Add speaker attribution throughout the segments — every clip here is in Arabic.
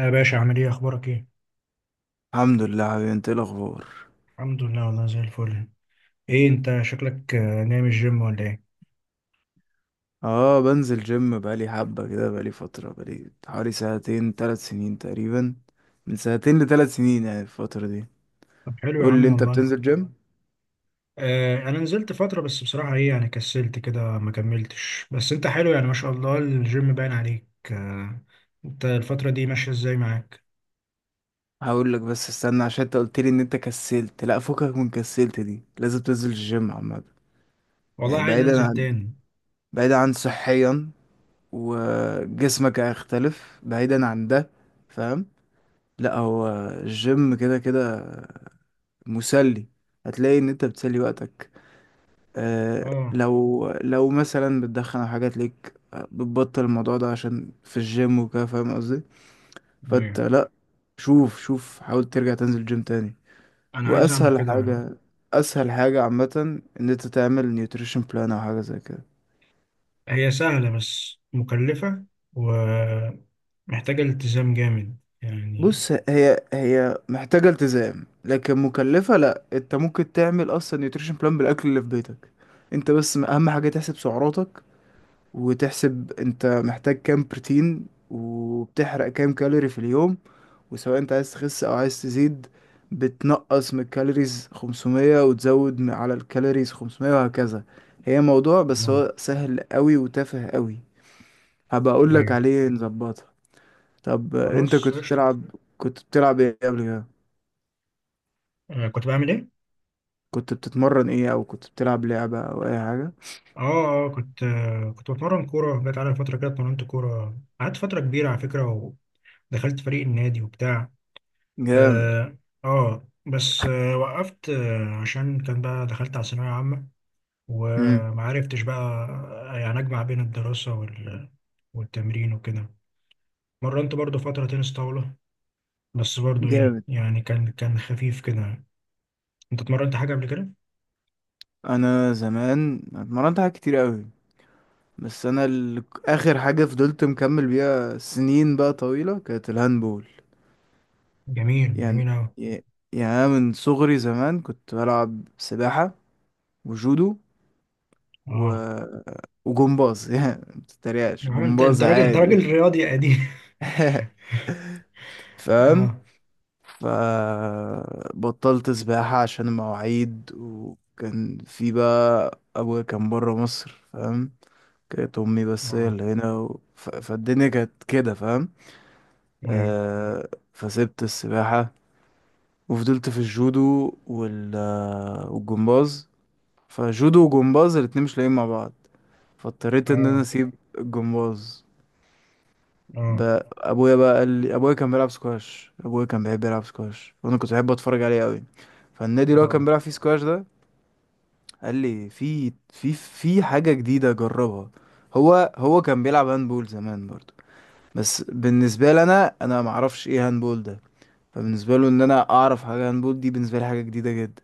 Speaker 1: يا باشا، عامل ايه؟ اخبارك ايه؟
Speaker 2: الحمد لله حبيبي، انت ايه الاخبار؟
Speaker 1: الحمد لله، والله زي الفل. ايه انت شكلك، نايم الجيم ولا ايه؟
Speaker 2: اه، بنزل جيم بقالي حبة كده، بقالي فترة، بقالي حوالي سنتين ثلاث سنين تقريبا، من سنتين لثلاث سنين يعني الفترة دي.
Speaker 1: طب حلو يا
Speaker 2: قول
Speaker 1: عم،
Speaker 2: لي انت،
Speaker 1: والله.
Speaker 2: بتنزل جيم؟
Speaker 1: انا نزلت فتره، بس بصراحه ايه يعني، كسلت كده، ما كملتش. بس انت حلو يعني، ما شاء الله الجيم باين عليك. آه. انت الفتره دي ماشيه ازاي معاك؟
Speaker 2: هقول لك، بس استنى عشان انت قلت لي ان انت كسلت. لا، فكك من كسلت دي، لازم تنزل الجيم عامة.
Speaker 1: والله
Speaker 2: يعني
Speaker 1: عايز
Speaker 2: بعيدا
Speaker 1: انزل
Speaker 2: عن،
Speaker 1: تاني.
Speaker 2: صحيا، وجسمك هيختلف، بعيدا عن ده، فاهم؟ لا، هو الجيم كده كده مسلي، هتلاقي ان انت بتسلي وقتك. آه،
Speaker 1: اه.
Speaker 2: لو مثلا بتدخن او حاجات ليك، آه، بتبطل الموضوع ده عشان في الجيم وكده، فاهم قصدي؟ فانت
Speaker 1: ايوه،
Speaker 2: لا، شوف شوف، حاول ترجع تنزل جيم تاني.
Speaker 1: انا عايز اعمل
Speaker 2: واسهل
Speaker 1: كده.
Speaker 2: حاجة، اسهل حاجة عامة، ان انت تعمل نيوتريشن بلان او حاجة زي كده.
Speaker 1: هي سهله بس مكلفه، ومحتاجه التزام جامد يعني.
Speaker 2: بص، هي محتاجة التزام، لكن مكلفة لا، انت ممكن تعمل اصلا نيوتريشن بلان بالاكل اللي في بيتك. انت بس اهم حاجة تحسب سعراتك، وتحسب انت محتاج كام بروتين، وبتحرق كام كالوري في اليوم. وسواء انت عايز تخس او عايز تزيد، بتنقص من الكالوريز 500، وتزود على الكالوريز 500 وهكذا. هي موضوع بس
Speaker 1: آه،
Speaker 2: هو سهل قوي وتافه قوي، هبقى اقول لك
Speaker 1: ايوه.
Speaker 2: عليه نظبطها. طب انت
Speaker 1: خلاص
Speaker 2: كنت
Speaker 1: قشطه.
Speaker 2: بتلعب، كنت بتلعب ايه قبل كده؟
Speaker 1: كنت بعمل ايه؟
Speaker 2: كنت بتتمرن ايه، او كنت بتلعب لعبة او اي حاجة؟
Speaker 1: اه. اه كنت بتمرن كورة، جت على فترة كده، اتمرنت كورة، قعدت فترة كبيرة على فكرة، ودخلت فريق النادي وبتاع.
Speaker 2: جامد.
Speaker 1: اه. بس وقفت عشان كان بقى دخلت على ثانوية عامة،
Speaker 2: امم.
Speaker 1: وما عرفتش بقى. يعني أجمع بين الدراسة وال والتمرين وكده. مرنت برضو فترة تنس طاولة، بس برضو ايه
Speaker 2: جامد.
Speaker 1: يعني، كان خفيف كده. انت اتمرنت حاجة قبل كده؟
Speaker 2: انا زمان اتمرنت حاجات كتير قوي، بس انا اخر حاجه فضلت مكمل بيها سنين بقى طويله كانت الهاندبول.
Speaker 1: جميل،
Speaker 2: يعني،
Speaker 1: جميل اوي.
Speaker 2: ي- يعني أنا من صغري زمان كنت بلعب سباحه، وجودو، و...
Speaker 1: اه.
Speaker 2: وجمباز يعني ما تتريقش،
Speaker 1: يا عم، انت
Speaker 2: جمباز
Speaker 1: انت راجل، انت
Speaker 2: عادي.
Speaker 1: راجل رياضي يا قديم.
Speaker 2: فاهم؟
Speaker 1: اه.
Speaker 2: فبطلت سباحه عشان المواعيد، وكان في بقى ابويا كان بره مصر، فاهم؟ كانت امي بس هي
Speaker 1: اه.
Speaker 2: اللي هنا، فالدنيا كانت كده، فاهم؟
Speaker 1: ايوه.
Speaker 2: آه، فسبت السباحة، وفضلت في الجودو وال آه، والجمباز. فجودو وجمباز الاتنين مش لاقيين مع بعض، فاضطريت ان انا
Speaker 1: اه،
Speaker 2: اسيب الجمباز.
Speaker 1: اه،
Speaker 2: ابويا بقى قال لي، ابويا كان بيلعب سكواش، ابويا كان بيحب يلعب سكواش، وانا كنت بحب اتفرج عليه قوي. فالنادي اللي هو كان
Speaker 1: اه،
Speaker 2: بيلعب فيه سكواش ده، قال لي في في حاجة جديدة جربها. هو كان بيلعب هاندبول زمان برضه، بس بالنسبة لي انا، معرفش ايه هاندبول ده. فبالنسبه له ان انا اعرف حاجه هاندبول، دي بالنسبه لي حاجه جديده جدا.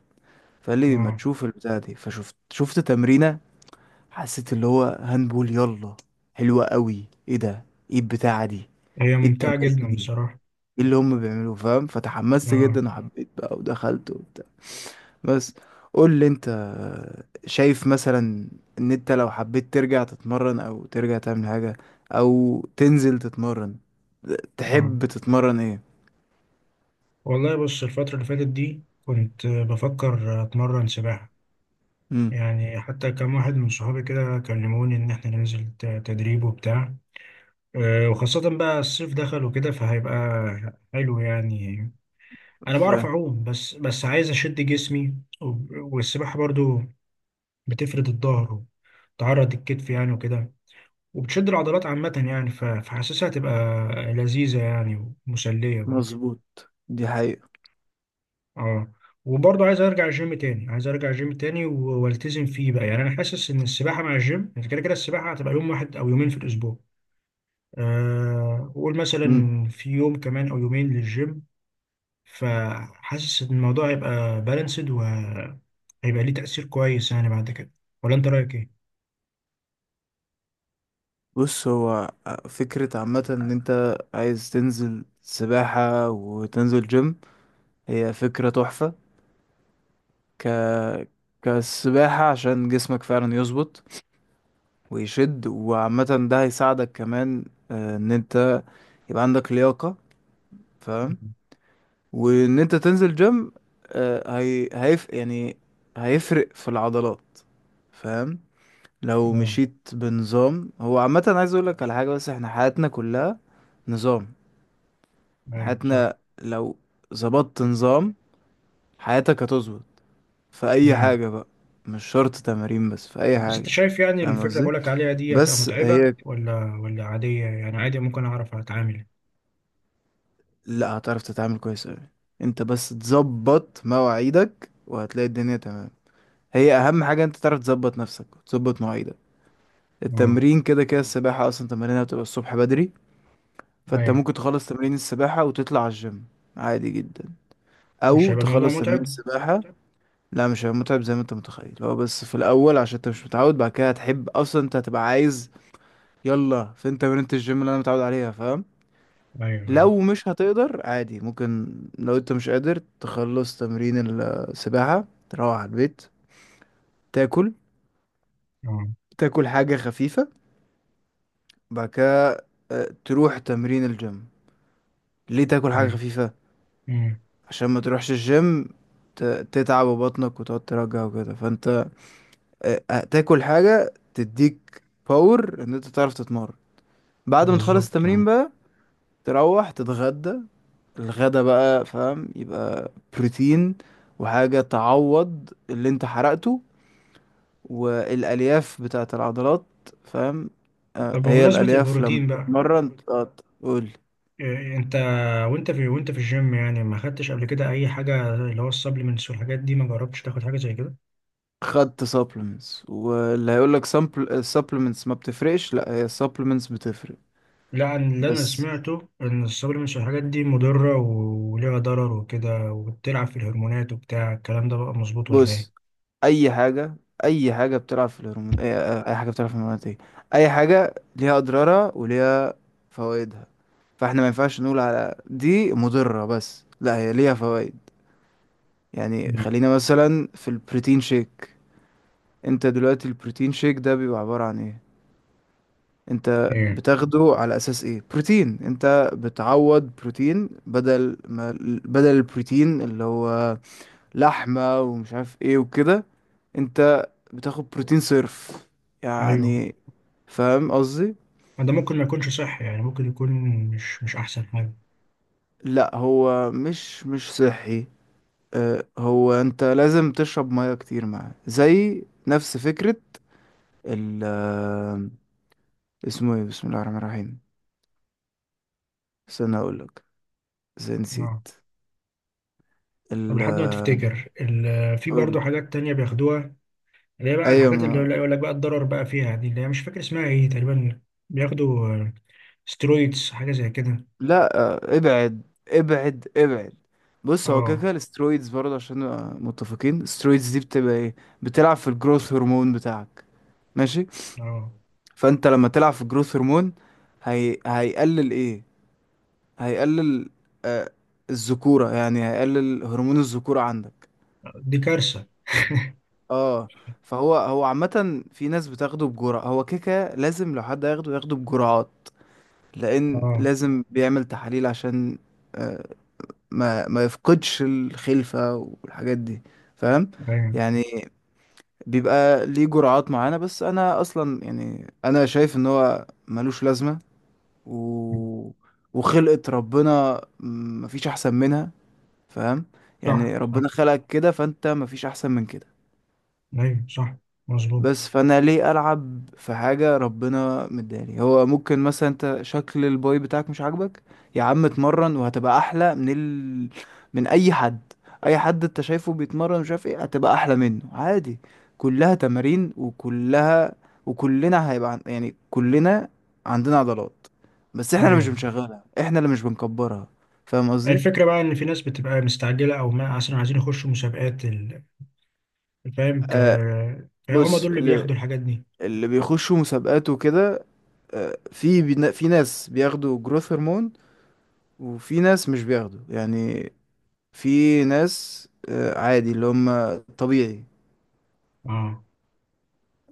Speaker 2: فقال لي ما
Speaker 1: اه.
Speaker 2: تشوف البتاعه دي، فشفت، تمرينه، حسيت اللي هو هاندبول يلا حلوه قوي، ايه ده؟ ايه البتاعه دي؟
Speaker 1: هي
Speaker 2: ايه
Speaker 1: ممتعة
Speaker 2: التمارين
Speaker 1: جدا
Speaker 2: دي؟
Speaker 1: بصراحة.
Speaker 2: ايه اللي هم بيعملوه؟ فاهم؟ فتحمست
Speaker 1: اه،
Speaker 2: جدا وحبيت بقى ودخلت وبتاع. بس، قول لي انت، شايف مثلا، ان انت لو حبيت ترجع تتمرن، او ترجع تعمل حاجة، او تنزل تتمرن،
Speaker 1: اه.
Speaker 2: تحب تتمرن ايه؟
Speaker 1: والله، بص الفترة اللي فاتت دي كنت بفكر اتمرن سباحة. يعني حتى كم واحد من صحابي كده كلموني ان احنا ننزل تدريب وبتاع. وخاصة بقى الصيف دخل وكده، فهيبقى حلو يعني. انا بعرف
Speaker 2: امم.
Speaker 1: اعوم، بس بس عايز اشد جسمي. والسباحة برضو بتفرد الظهر، وتعرض الكتف يعني وكده، وبتشد العضلات عامة يعني. فحاسسها هتبقى لذيذة يعني، ومسلية برضه.
Speaker 2: مظبوط، دي حقيقة.
Speaker 1: اه. وبرضه عايز ارجع الجيم تاني، عايز ارجع الجيم تاني والتزم فيه بقى يعني. انا حاسس ان السباحة مع الجيم، يعني كده كده السباحة هتبقى يوم واحد او يومين في الاسبوع، وقول
Speaker 2: مم.
Speaker 1: مثلا في يوم كمان او يومين للجيم. فحاسس ان الموضوع هيبقى بالانسد، وهيبقى ليه تأثير كويس يعني بعد كده. ولا انت رأيك ايه؟
Speaker 2: بص، هو آه، فكرة عامة ان انت عايز تنزل سباحة وتنزل جيم، هي فكرة تحفة. ك كالسباحة عشان جسمك فعلا يظبط ويشد، وعامة ده هيساعدك كمان، آه، ان انت يبقى عندك لياقة، فاهم؟
Speaker 1: مم.
Speaker 2: وان انت تنزل جيم، آه، يعني هيفرق في العضلات، فاهم؟ لو
Speaker 1: اه،
Speaker 2: مشيت بنظام، هو عامة عايز اقول لك على حاجة بس، احنا حياتنا كلها نظام.
Speaker 1: ايوه صح.
Speaker 2: حياتنا لو ظبطت نظام، حياتك هتظبط في اي حاجة بقى، مش شرط تمارين بس، في اي
Speaker 1: بس انت
Speaker 2: حاجة،
Speaker 1: شايف يعني
Speaker 2: فاهم
Speaker 1: الفكرة
Speaker 2: قصدي؟
Speaker 1: بقولك عليها دي، هتبقى
Speaker 2: بس
Speaker 1: متعبة ولا عادية؟ يعني عادي ممكن اعرف اتعامل.
Speaker 2: لا، هتعرف تتعامل كويس اوي، انت بس تظبط مواعيدك وهتلاقي الدنيا تمام. هي اهم حاجة انت تعرف تظبط نفسك وتظبط مواعيدك.
Speaker 1: اه،
Speaker 2: التمرين كده كده، السباحة اصلا تمارينها بتبقى الصبح بدري، فانت
Speaker 1: ايوه.
Speaker 2: ممكن تخلص تمرين السباحة وتطلع على الجيم، عادي جدا.
Speaker 1: مش
Speaker 2: او
Speaker 1: هيبقى الموضوع
Speaker 2: تخلص تمرين
Speaker 1: متعب؟
Speaker 2: السباحة، لا مش هيبقى متعب زي ما انت متخيل، هو بس في الاول عشان انت مش متعود، بعد كده هتحب اصلا، انت هتبقى عايز يلا فين تمرينة الجيم اللي انا متعود عليها، فاهم؟
Speaker 1: ايوه، ايوه.
Speaker 2: لو مش هتقدر عادي، ممكن، لو انت مش قادر تخلص تمرين السباحة، تروح على البيت، تاكل،
Speaker 1: اه.
Speaker 2: حاجة خفيفة، بعد كده آه، تروح تمرين الجيم. ليه تاكل حاجة
Speaker 1: ايوه.
Speaker 2: خفيفة؟
Speaker 1: امم.
Speaker 2: عشان ما تروحش الجيم ت- تتعب بطنك وتقعد ترجع وكده. فانت آه، تاكل حاجة تديك باور ان انت تعرف تتمرن. بعد ما تخلص
Speaker 1: بالظبط،
Speaker 2: التمرين
Speaker 1: اه.
Speaker 2: بقى تروح تتغدى، الغدا بقى، فاهم؟ يبقى بروتين وحاجة تعوض اللي انت حرقته، والألياف بتاعة العضلات، فاهم؟ آه،
Speaker 1: طب
Speaker 2: هي
Speaker 1: بمناسبة
Speaker 2: الألياف لما
Speaker 1: البروتين بقى،
Speaker 2: تتمرن، آه، تقول.
Speaker 1: إيه انت، وانت في الجيم يعني ما خدتش قبل كده اي حاجة، اللي هو السبلمنتس والحاجات دي، ما جربتش تاخد حاجة زي كده؟
Speaker 2: خدت supplements واللي هيقول لك supplements ما بتفرقش، لا، هي supplements بتفرق.
Speaker 1: لا، اللي انا
Speaker 2: بس،
Speaker 1: سمعته ان السبلمنتس والحاجات دي مضرة وليها ضرر وكده، وبتلعب في الهرمونات وبتاع الكلام ده، بقى مظبوط ولا
Speaker 2: بص،
Speaker 1: ايه؟
Speaker 2: اي حاجه اي حاجه بتلعب في الهرمون، أي حاجه بتلعب في الهرمونات ايه، اي حاجه ليها اضرارها وليها فوائدها. فاحنا ما ينفعش نقول على دي مضره بس، لا، هي ليها فوائد. يعني
Speaker 1: مم.
Speaker 2: خلينا مثلا في البروتين شيك، انت دلوقتي البروتين شيك ده بيبقى عباره عن ايه؟ انت
Speaker 1: ايه.
Speaker 2: بتاخده على اساس ايه؟ بروتين، انت بتعوض بروتين، بدل ما البروتين اللي هو لحمة ومش عارف ايه وكده، انت بتاخد بروتين صرف
Speaker 1: ايوه،
Speaker 2: يعني، فاهم قصدي؟
Speaker 1: ما ده ممكن ما يكونش صح يعني، ممكن يكون مش احسن حاجه.
Speaker 2: لا، هو مش صحي. اه، هو انت لازم تشرب ميه كتير معاه، زي نفس فكرة ال آه، اسمه ايه؟ بسم الله الرحمن الرحيم، استنى اقولك، زي،
Speaker 1: اه.
Speaker 2: نسيت.
Speaker 1: طب
Speaker 2: ال
Speaker 1: لحد ما
Speaker 2: آه،
Speaker 1: تفتكر في برضه
Speaker 2: قول.
Speaker 1: حاجات تانية بياخدوها، اللي هي بقى
Speaker 2: ايوه،
Speaker 1: الحاجات
Speaker 2: ما
Speaker 1: اللي يقول لك بقى الضرر بقى فيها دي، اللي هي مش فاكر اسمها ايه تقريبا، بياخدوا سترويدز، حاجه زي كده.
Speaker 2: لا آه، ابعد ابعد ابعد. بص، هو كده
Speaker 1: اه.
Speaker 2: كده الاسترويدز برضه، عشان نبقى متفقين، الاسترويدز دي بتبقى ايه؟ بتلعب في الجروث هرمون بتاعك، ماشي؟
Speaker 1: اه.
Speaker 2: فانت لما تلعب في الجروث هرمون، هيقلل ايه؟ هيقلل آه الذكورة، يعني هيقلل هرمون الذكورة عندك.
Speaker 1: دي كارثه.
Speaker 2: اه فهو، عامة في ناس بتاخده بجرعة، هو كيكة، لازم لو حد هياخده ياخده بجرعات، لأن
Speaker 1: اه.
Speaker 2: لازم بيعمل تحاليل عشان آه، ما يفقدش الخلفة والحاجات دي، فاهم؟
Speaker 1: ايوه،
Speaker 2: يعني بيبقى ليه جرعات معينة، بس انا اصلا يعني انا شايف ان هو ملوش لازمة. و... وخلقة ربنا مفيش احسن منها، فاهم؟
Speaker 1: صح،
Speaker 2: يعني
Speaker 1: صح،
Speaker 2: ربنا خلقك كده، فانت مفيش احسن من كده.
Speaker 1: ايوه، صح.
Speaker 2: بس
Speaker 1: مظبوط.
Speaker 2: فانا ليه العب في حاجه ربنا مداني؟ هو ممكن مثلا انت شكل الباي بتاعك مش عاجبك، يا عم اتمرن وهتبقى احلى من من اي حد. اي حد انت شايفه بيتمرن مش عارف ايه هتبقى احلى منه عادي، كلها تمارين وكلها، وكلنا هيبقى يعني كلنا عندنا عضلات، بس احنا اللي مش
Speaker 1: ايوه.
Speaker 2: بنشغلها، احنا اللي مش بنكبرها، فاهم قصدي؟
Speaker 1: الفكره بقى ان في ناس بتبقى مستعجله، او ما اصلا عايزين يخشوا مسابقات فاهم
Speaker 2: آه.
Speaker 1: فهم
Speaker 2: بص،
Speaker 1: دول اللي بياخدوا الحاجات دي.
Speaker 2: اللي بيخشوا مسابقات وكده، آه، في ناس بياخدوا جروث هرمون، وفي ناس مش بياخدوا يعني. في ناس آه، عادي، اللي هم طبيعي.
Speaker 1: اه.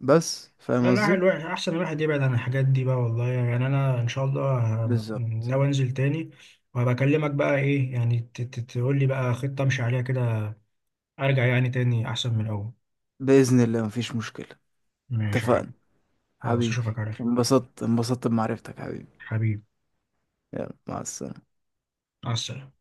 Speaker 2: بس،
Speaker 1: لا،
Speaker 2: فاهم
Speaker 1: الواحد
Speaker 2: قصدي؟
Speaker 1: الواحد احسن الواحد يبعد عن الحاجات دي بقى، والله يعني. انا ان شاء الله
Speaker 2: بالظبط.
Speaker 1: ناوي انزل تاني، وهبقى اكلمك بقى ايه يعني، تقول لي بقى خطة امشي عليها كده، ارجع يعني تاني احسن من الاول.
Speaker 2: بإذن الله مفيش مشكلة.
Speaker 1: ماشي يا حبيبي.
Speaker 2: اتفقنا
Speaker 1: خلاص،
Speaker 2: حبيبي.
Speaker 1: اشوفك على خير.
Speaker 2: انبسطت، انبسطت بمعرفتك حبيبي.
Speaker 1: حبيبي.
Speaker 2: يلا، مع السلامة.
Speaker 1: مع السلامة.